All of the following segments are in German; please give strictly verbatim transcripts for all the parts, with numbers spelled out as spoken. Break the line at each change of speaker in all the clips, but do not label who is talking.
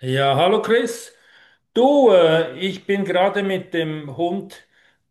Ja, hallo Chris. Du, äh, ich bin gerade mit dem Hund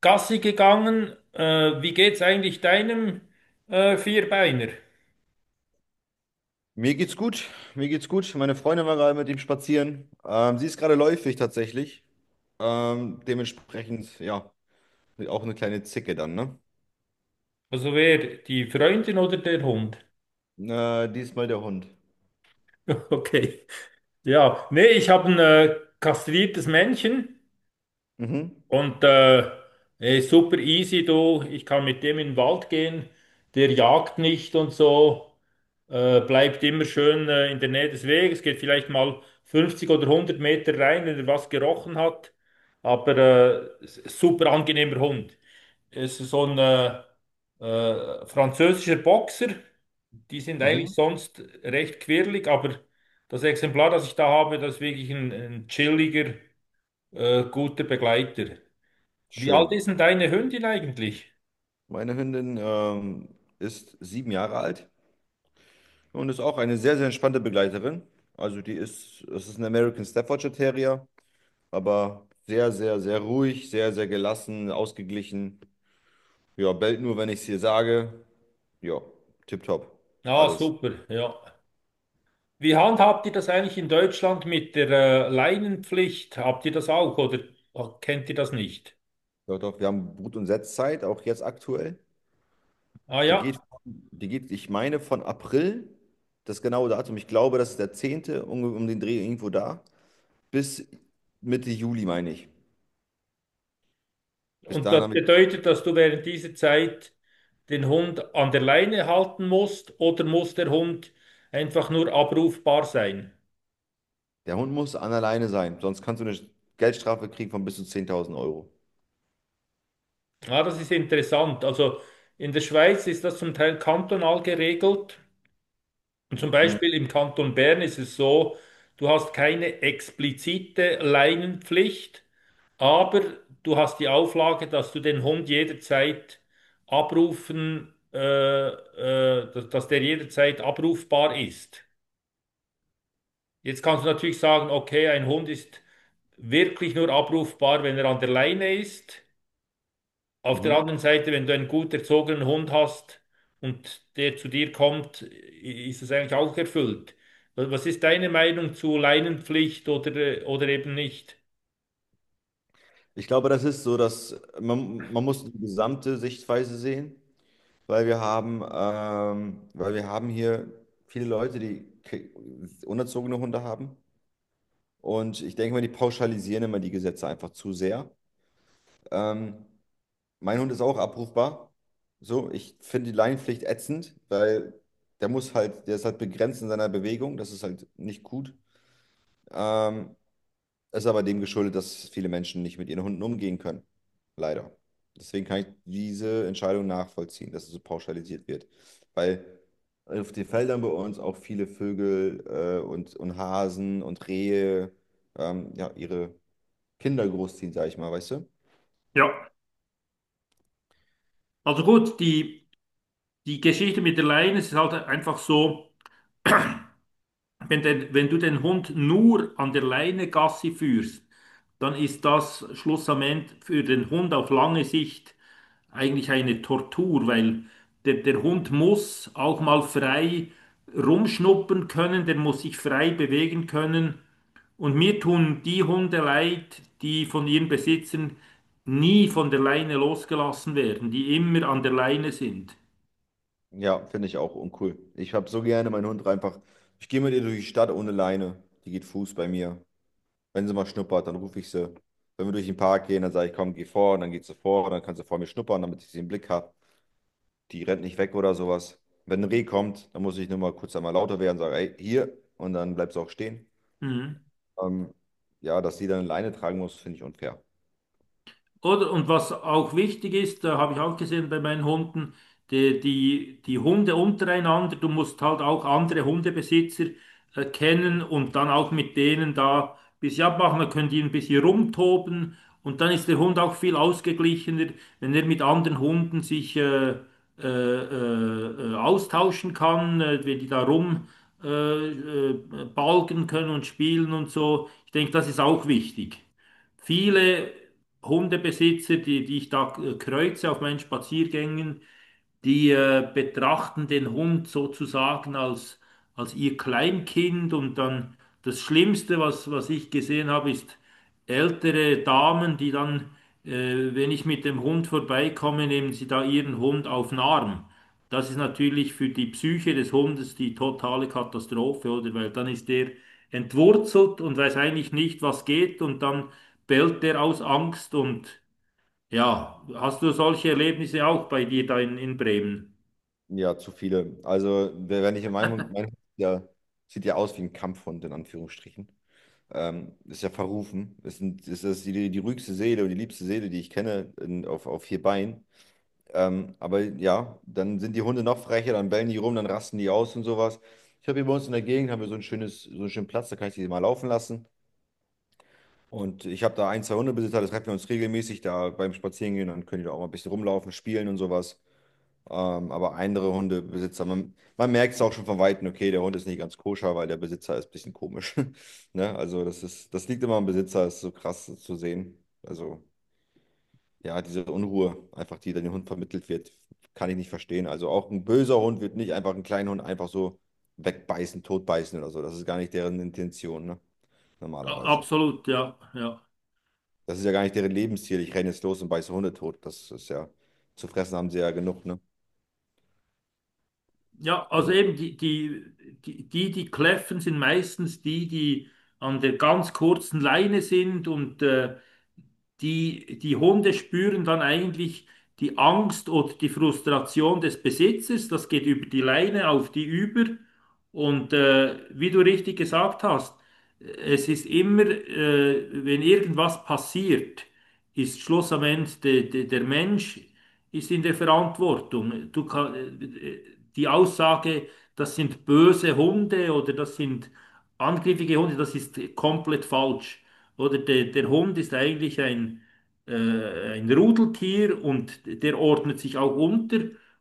Gassi gegangen. Äh, wie geht's eigentlich deinem äh, Vierbeiner?
Mir geht's gut, mir geht's gut. Meine Freundin war gerade mit ihm spazieren. Ähm, sie ist gerade läufig tatsächlich. Ähm, dementsprechend, ja, auch eine kleine Zicke dann, ne?
Also wer, die Freundin oder der Hund?
Äh, diesmal der Hund.
Okay. Ja, nee, ich habe ein äh, kastriertes Männchen.
Mhm,
Und äh, er super easy, du. Ich kann mit dem in den Wald gehen. Der jagt nicht und so. Äh, bleibt immer schön äh, in der Nähe des Weges. Geht vielleicht mal fünfzig oder hundert Meter rein, wenn er was gerochen hat. Aber äh, s- super angenehmer Hund. Es ist so ein äh, äh, französischer Boxer. Die sind
mhm.
eigentlich sonst recht quirlig, aber das Exemplar, das ich da habe, das ist wirklich ein, ein chilliger, äh, guter Begleiter. Wie alt
Schön.
ist denn deine Hündin eigentlich?
Meine Hündin ähm, ist sieben Jahre alt und ist auch eine sehr, sehr entspannte Begleiterin. Also die ist, es ist ein American Staffordshire Terrier, aber sehr, sehr, sehr ruhig, sehr, sehr gelassen, ausgeglichen. Ja, bellt nur, wenn ich es ihr sage. Ja, tipptopp.
Ah,
Alles.
super, ja. Wie handhabt ihr das eigentlich in Deutschland mit der äh, Leinenpflicht? Habt ihr das auch oder kennt ihr das nicht?
Doch, doch, wir haben Brut- und Setzzeit, auch jetzt aktuell.
Ah
Die
ja,
geht, von- die geht, ich meine, von April, das genaue Datum, ich glaube, das ist der zehnte um, um den Dreh irgendwo da, bis Mitte Juli, meine ich. Bis
und
dahin
das
haben wir,
bedeutet, dass du während dieser Zeit den Hund an der Leine halten musst oder muss der Hund einfach nur abrufbar sein?
der Hund muss an alleine sein, sonst kannst du eine Geldstrafe kriegen von bis zu zehntausend Euro.
Ah, das ist interessant. Also in der Schweiz ist das zum Teil kantonal geregelt. Und zum
Mhm.
Beispiel im Kanton Bern ist es so, du hast keine explizite Leinenpflicht, aber du hast die Auflage, dass du den Hund jederzeit abrufen, äh, äh, dass, dass der jederzeit abrufbar ist. Jetzt kannst du natürlich sagen, okay, ein Hund ist wirklich nur abrufbar, wenn er an der Leine ist. Auf der
Mhm.
anderen Seite, wenn du einen gut erzogenen Hund hast und der zu dir kommt, i- ist es eigentlich auch erfüllt. Wa- Was ist deine Meinung zu Leinenpflicht oder, äh, oder eben nicht?
Ich glaube, das ist so, dass man, man muss die gesamte Sichtweise sehen, weil wir haben, ähm, weil wir haben hier viele Leute, die ke- unerzogene Hunde haben. Und ich denke mal, die pauschalisieren immer die Gesetze einfach zu sehr. Ähm, Mein Hund ist auch abrufbar. So, ich finde die Leinenpflicht ätzend, weil der muss halt, der ist halt begrenzt in seiner Bewegung. Das ist halt nicht gut. Ähm, Ist aber dem geschuldet, dass viele Menschen nicht mit ihren Hunden umgehen können. Leider. Deswegen kann ich diese Entscheidung nachvollziehen, dass es so pauschalisiert wird. Weil auf den Feldern bei uns auch viele Vögel äh, und, und Hasen und Rehe ähm, ja, ihre Kinder großziehen, sag ich mal, weißt du?
Ja, also gut, die, die Geschichte mit der Leine es ist halt einfach so. Wenn, der, wenn du den Hund nur an der Leine Gassi führst, dann ist das schlussendlich für den Hund auf lange Sicht eigentlich eine Tortur, weil der, der Hund muss auch mal frei rumschnuppern können, der muss sich frei bewegen können. Und mir tun die Hunde leid, die von ihren Besitzern nie von der Leine losgelassen werden, die immer an der Leine sind.
Ja, finde ich auch uncool. Ich habe so gerne meinen Hund einfach. Ich gehe mit ihr durch die Stadt ohne Leine. Die geht Fuß bei mir. Wenn sie mal schnuppert, dann rufe ich sie. Wenn wir durch den Park gehen, dann sage ich, komm, geh vor. Und dann geht sie vor. Und dann kann sie vor mir schnuppern, damit ich sie im Blick habe. Die rennt nicht weg oder sowas. Wenn ein Reh kommt, dann muss ich nur mal kurz einmal lauter werden und sage, ey, hier. Und dann bleibt sie auch stehen.
Mhm.
Ähm, ja, dass sie dann eine Leine tragen muss, finde ich unfair.
Oder, und was auch wichtig ist, da habe ich auch gesehen bei meinen Hunden, die, die, die Hunde untereinander, du musst halt auch andere Hundebesitzer äh, kennen und dann auch mit denen da ein bisschen abmachen, dann können die ein bisschen rumtoben und dann ist der Hund auch viel ausgeglichener, wenn er mit anderen Hunden sich äh, äh, äh, äh, austauschen kann, äh, wenn die da rum äh, äh, balgen können und spielen und so. Ich denke, das ist auch wichtig viele Hundebesitzer, die, die ich da äh, kreuze auf meinen Spaziergängen, die äh, betrachten den Hund sozusagen als, als ihr Kleinkind und dann das Schlimmste, was, was ich gesehen habe, ist ältere Damen, die dann, äh, wenn ich mit dem Hund vorbeikomme, nehmen sie da ihren Hund auf den Arm. Das ist natürlich für die Psyche des Hundes die totale Katastrophe, oder? Weil dann ist der entwurzelt und weiß eigentlich nicht, was geht und dann bellt der aus Angst und ja, hast du solche Erlebnisse auch bei dir da in, in Bremen?
Ja, zu viele. Also, wer- wenn ich in meinem, mein Hund, der sieht ja aus wie ein Kampfhund, in Anführungsstrichen. Ähm, ist ja verrufen. Ist, ein, ist das die, die ruhigste Seele und die liebste Seele, die ich kenne in, auf, auf vier Beinen. Ähm, aber ja, dann sind die Hunde noch frecher, dann bellen die rum, dann rasten die aus und sowas. Ich habe hier bei uns in der Gegend haben wir so ein schönes, so einen schönen Platz, da kann ich die mal laufen lassen. Und ich habe da ein, zwei Hundebesitzer, das treffen wir uns regelmäßig da beim Spazierengehen, dann können die da auch mal ein bisschen rumlaufen, spielen und sowas. Ähm, aber andere Hundebesitzer, man, man merkt es auch schon von Weitem, okay, der Hund ist nicht ganz koscher, weil der Besitzer ist ein bisschen komisch. Ne? Also das ist, das liegt immer am Besitzer, ist so krass zu sehen. Also ja, diese Unruhe, einfach die dann dem Hund vermittelt wird, kann ich nicht verstehen. Also auch ein böser Hund wird nicht einfach einen kleinen Hund einfach so wegbeißen, totbeißen oder so. Das ist gar nicht deren Intention, ne?
A-
Normalerweise.
Absolut, ja, ja.
Das ist ja gar nicht deren Lebensziel. Ich renne jetzt los und beiße Hunde tot. Das ist ja, zu fressen haben sie ja genug, ne?
Ja, also
Also
eben die, die, die, die, die kläffen, sind meistens die, die an der ganz kurzen Leine sind und äh. Die, die Hunde spüren dann eigentlich die Angst oder die Frustration des Besitzers. Das geht über die Leine auf die über. Und äh, wie du richtig gesagt hast, es ist immer, äh, wenn irgendwas passiert, ist Schluss am Ende de, de, der Mensch ist in der Verantwortung. Du kann, äh, die Aussage, das sind böse Hunde oder das sind angrifffige Hunde, das ist komplett falsch. Oder der, der Hund ist eigentlich ein, äh, ein Rudeltier und der ordnet sich auch unter.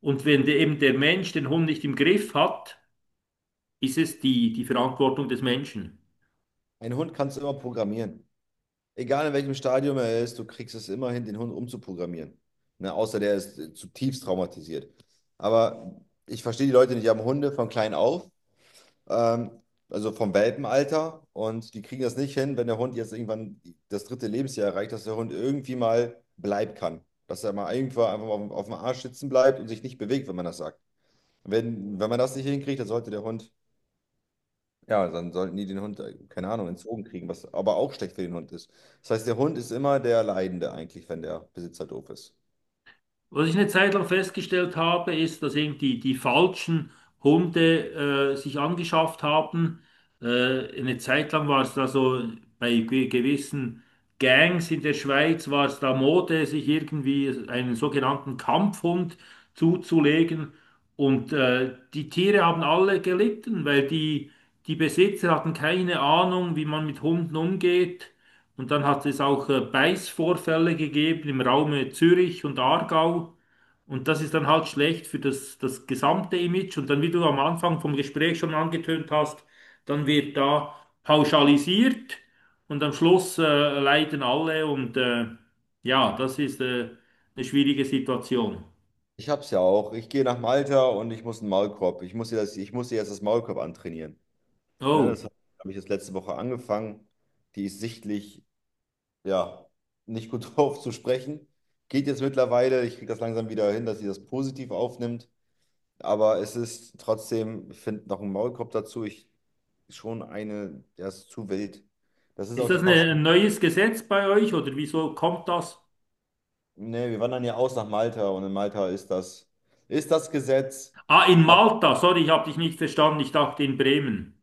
Und wenn der, eben der Mensch den Hund nicht im Griff hat, ist es die, die Verantwortung des Menschen.
einen Hund kannst du immer programmieren. Egal in welchem Stadium er ist, du kriegst es immer hin, den Hund umzuprogrammieren. Ne? Außer der ist äh, zutiefst traumatisiert. Aber ich verstehe die Leute nicht, die haben Hunde von klein auf, ähm, also vom Welpenalter, und die kriegen das nicht hin, wenn der Hund jetzt irgendwann das dritte Lebensjahr erreicht, dass der Hund irgendwie mal bleiben kann. Dass er mal irgendwann einfach mal auf, auf dem Arsch sitzen bleibt und sich nicht bewegt, wenn man das sagt. Wenn, wenn man das nicht hinkriegt, dann sollte der Hund ja, dann sollten die den Hund, äh, keine Ahnung, entzogen kriegen, was aber auch schlecht für den Hund ist. Das heißt, der Hund ist immer der Leidende eigentlich, wenn der Besitzer doof ist.
Was ich eine Zeit lang festgestellt habe, ist, dass irgendwie die falschen Hunde äh, sich angeschafft haben. Äh, eine Zeit lang war es da so, bei ge- gewissen Gangs in der Schweiz war es da Mode, sich irgendwie einen sogenannten Kampfhund zuzulegen. Und äh, die Tiere haben alle gelitten, weil die, die Besitzer hatten keine Ahnung, wie man mit Hunden umgeht. Und dann hat es auch äh, Beißvorfälle gegeben im Raum Zürich und Aargau. Und das ist dann halt schlecht für das, das gesamte Image. Und dann, wie du am Anfang vom Gespräch schon angetönt hast, dann wird da pauschalisiert und am Schluss äh, leiden alle. Und äh, ja, das ist äh, eine schwierige Situation.
Ich hab's ja auch. Ich gehe nach Malta und ich muss einen Maulkorb. Ich muss ihr das, ich muss ihr jetzt das Maulkorb antrainieren. Ne,
Oh,
das habe ich jetzt letzte Woche angefangen. Die ist sichtlich, ja, nicht gut drauf zu sprechen. Geht jetzt mittlerweile. Ich kriege das langsam wieder hin, dass sie das positiv aufnimmt. Aber es ist trotzdem, ich finde noch ein Maulkorb dazu, ich schon eine, der ist zu wild. Das ist
ist
auch die
das eine,
Pauschale.
ein neues Gesetz bei euch oder wieso kommt das?
Nee, wir wandern ja aus nach Malta und in Malta ist das, ist das Gesetz.
Ah, in
Ab,
Malta, sorry, ich habe dich nicht verstanden. Ich dachte in Bremen.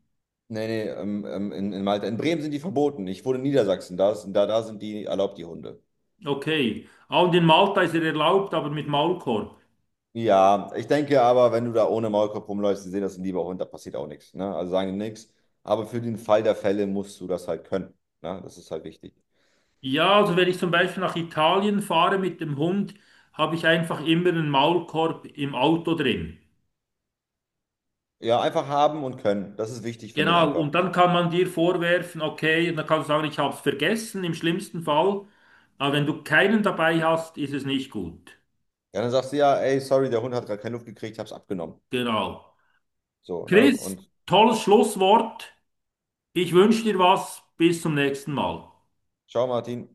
nee, nee, ähm, ähm, in, in Malta. In Bremen sind die verboten. Ich wohne in Niedersachsen, da, ist, da, da sind die erlaubt, die Hunde.
Okay. Ah, und in Malta ist er erlaubt, aber mit Maulkorb.
Ja, ich denke aber, wenn du da ohne Maulkorb rumläufst, die sehen das ein lieber Hund, da passiert auch nichts. Ne? Also sagen die nichts. Aber für den Fall der Fälle musst du das halt können. Ne? Das ist halt wichtig.
Ja, also wenn ich zum Beispiel nach Italien fahre mit dem Hund, habe ich einfach immer einen Maulkorb im Auto drin.
Ja, einfach haben und können. Das ist wichtig, finde ich
Genau,
einfach.
und dann kann man dir vorwerfen, okay, und dann kannst du sagen, ich habe es vergessen im schlimmsten Fall. Aber wenn du keinen dabei hast, ist es nicht gut.
Ja, dann sagst du ja, ey, sorry, der Hund hat gerade keine Luft gekriegt, ich hab's abgenommen.
Genau.
So, ne?
Chris,
Und
tolles Schlusswort. Ich wünsche dir was. Bis zum nächsten Mal.
ciao, Martin.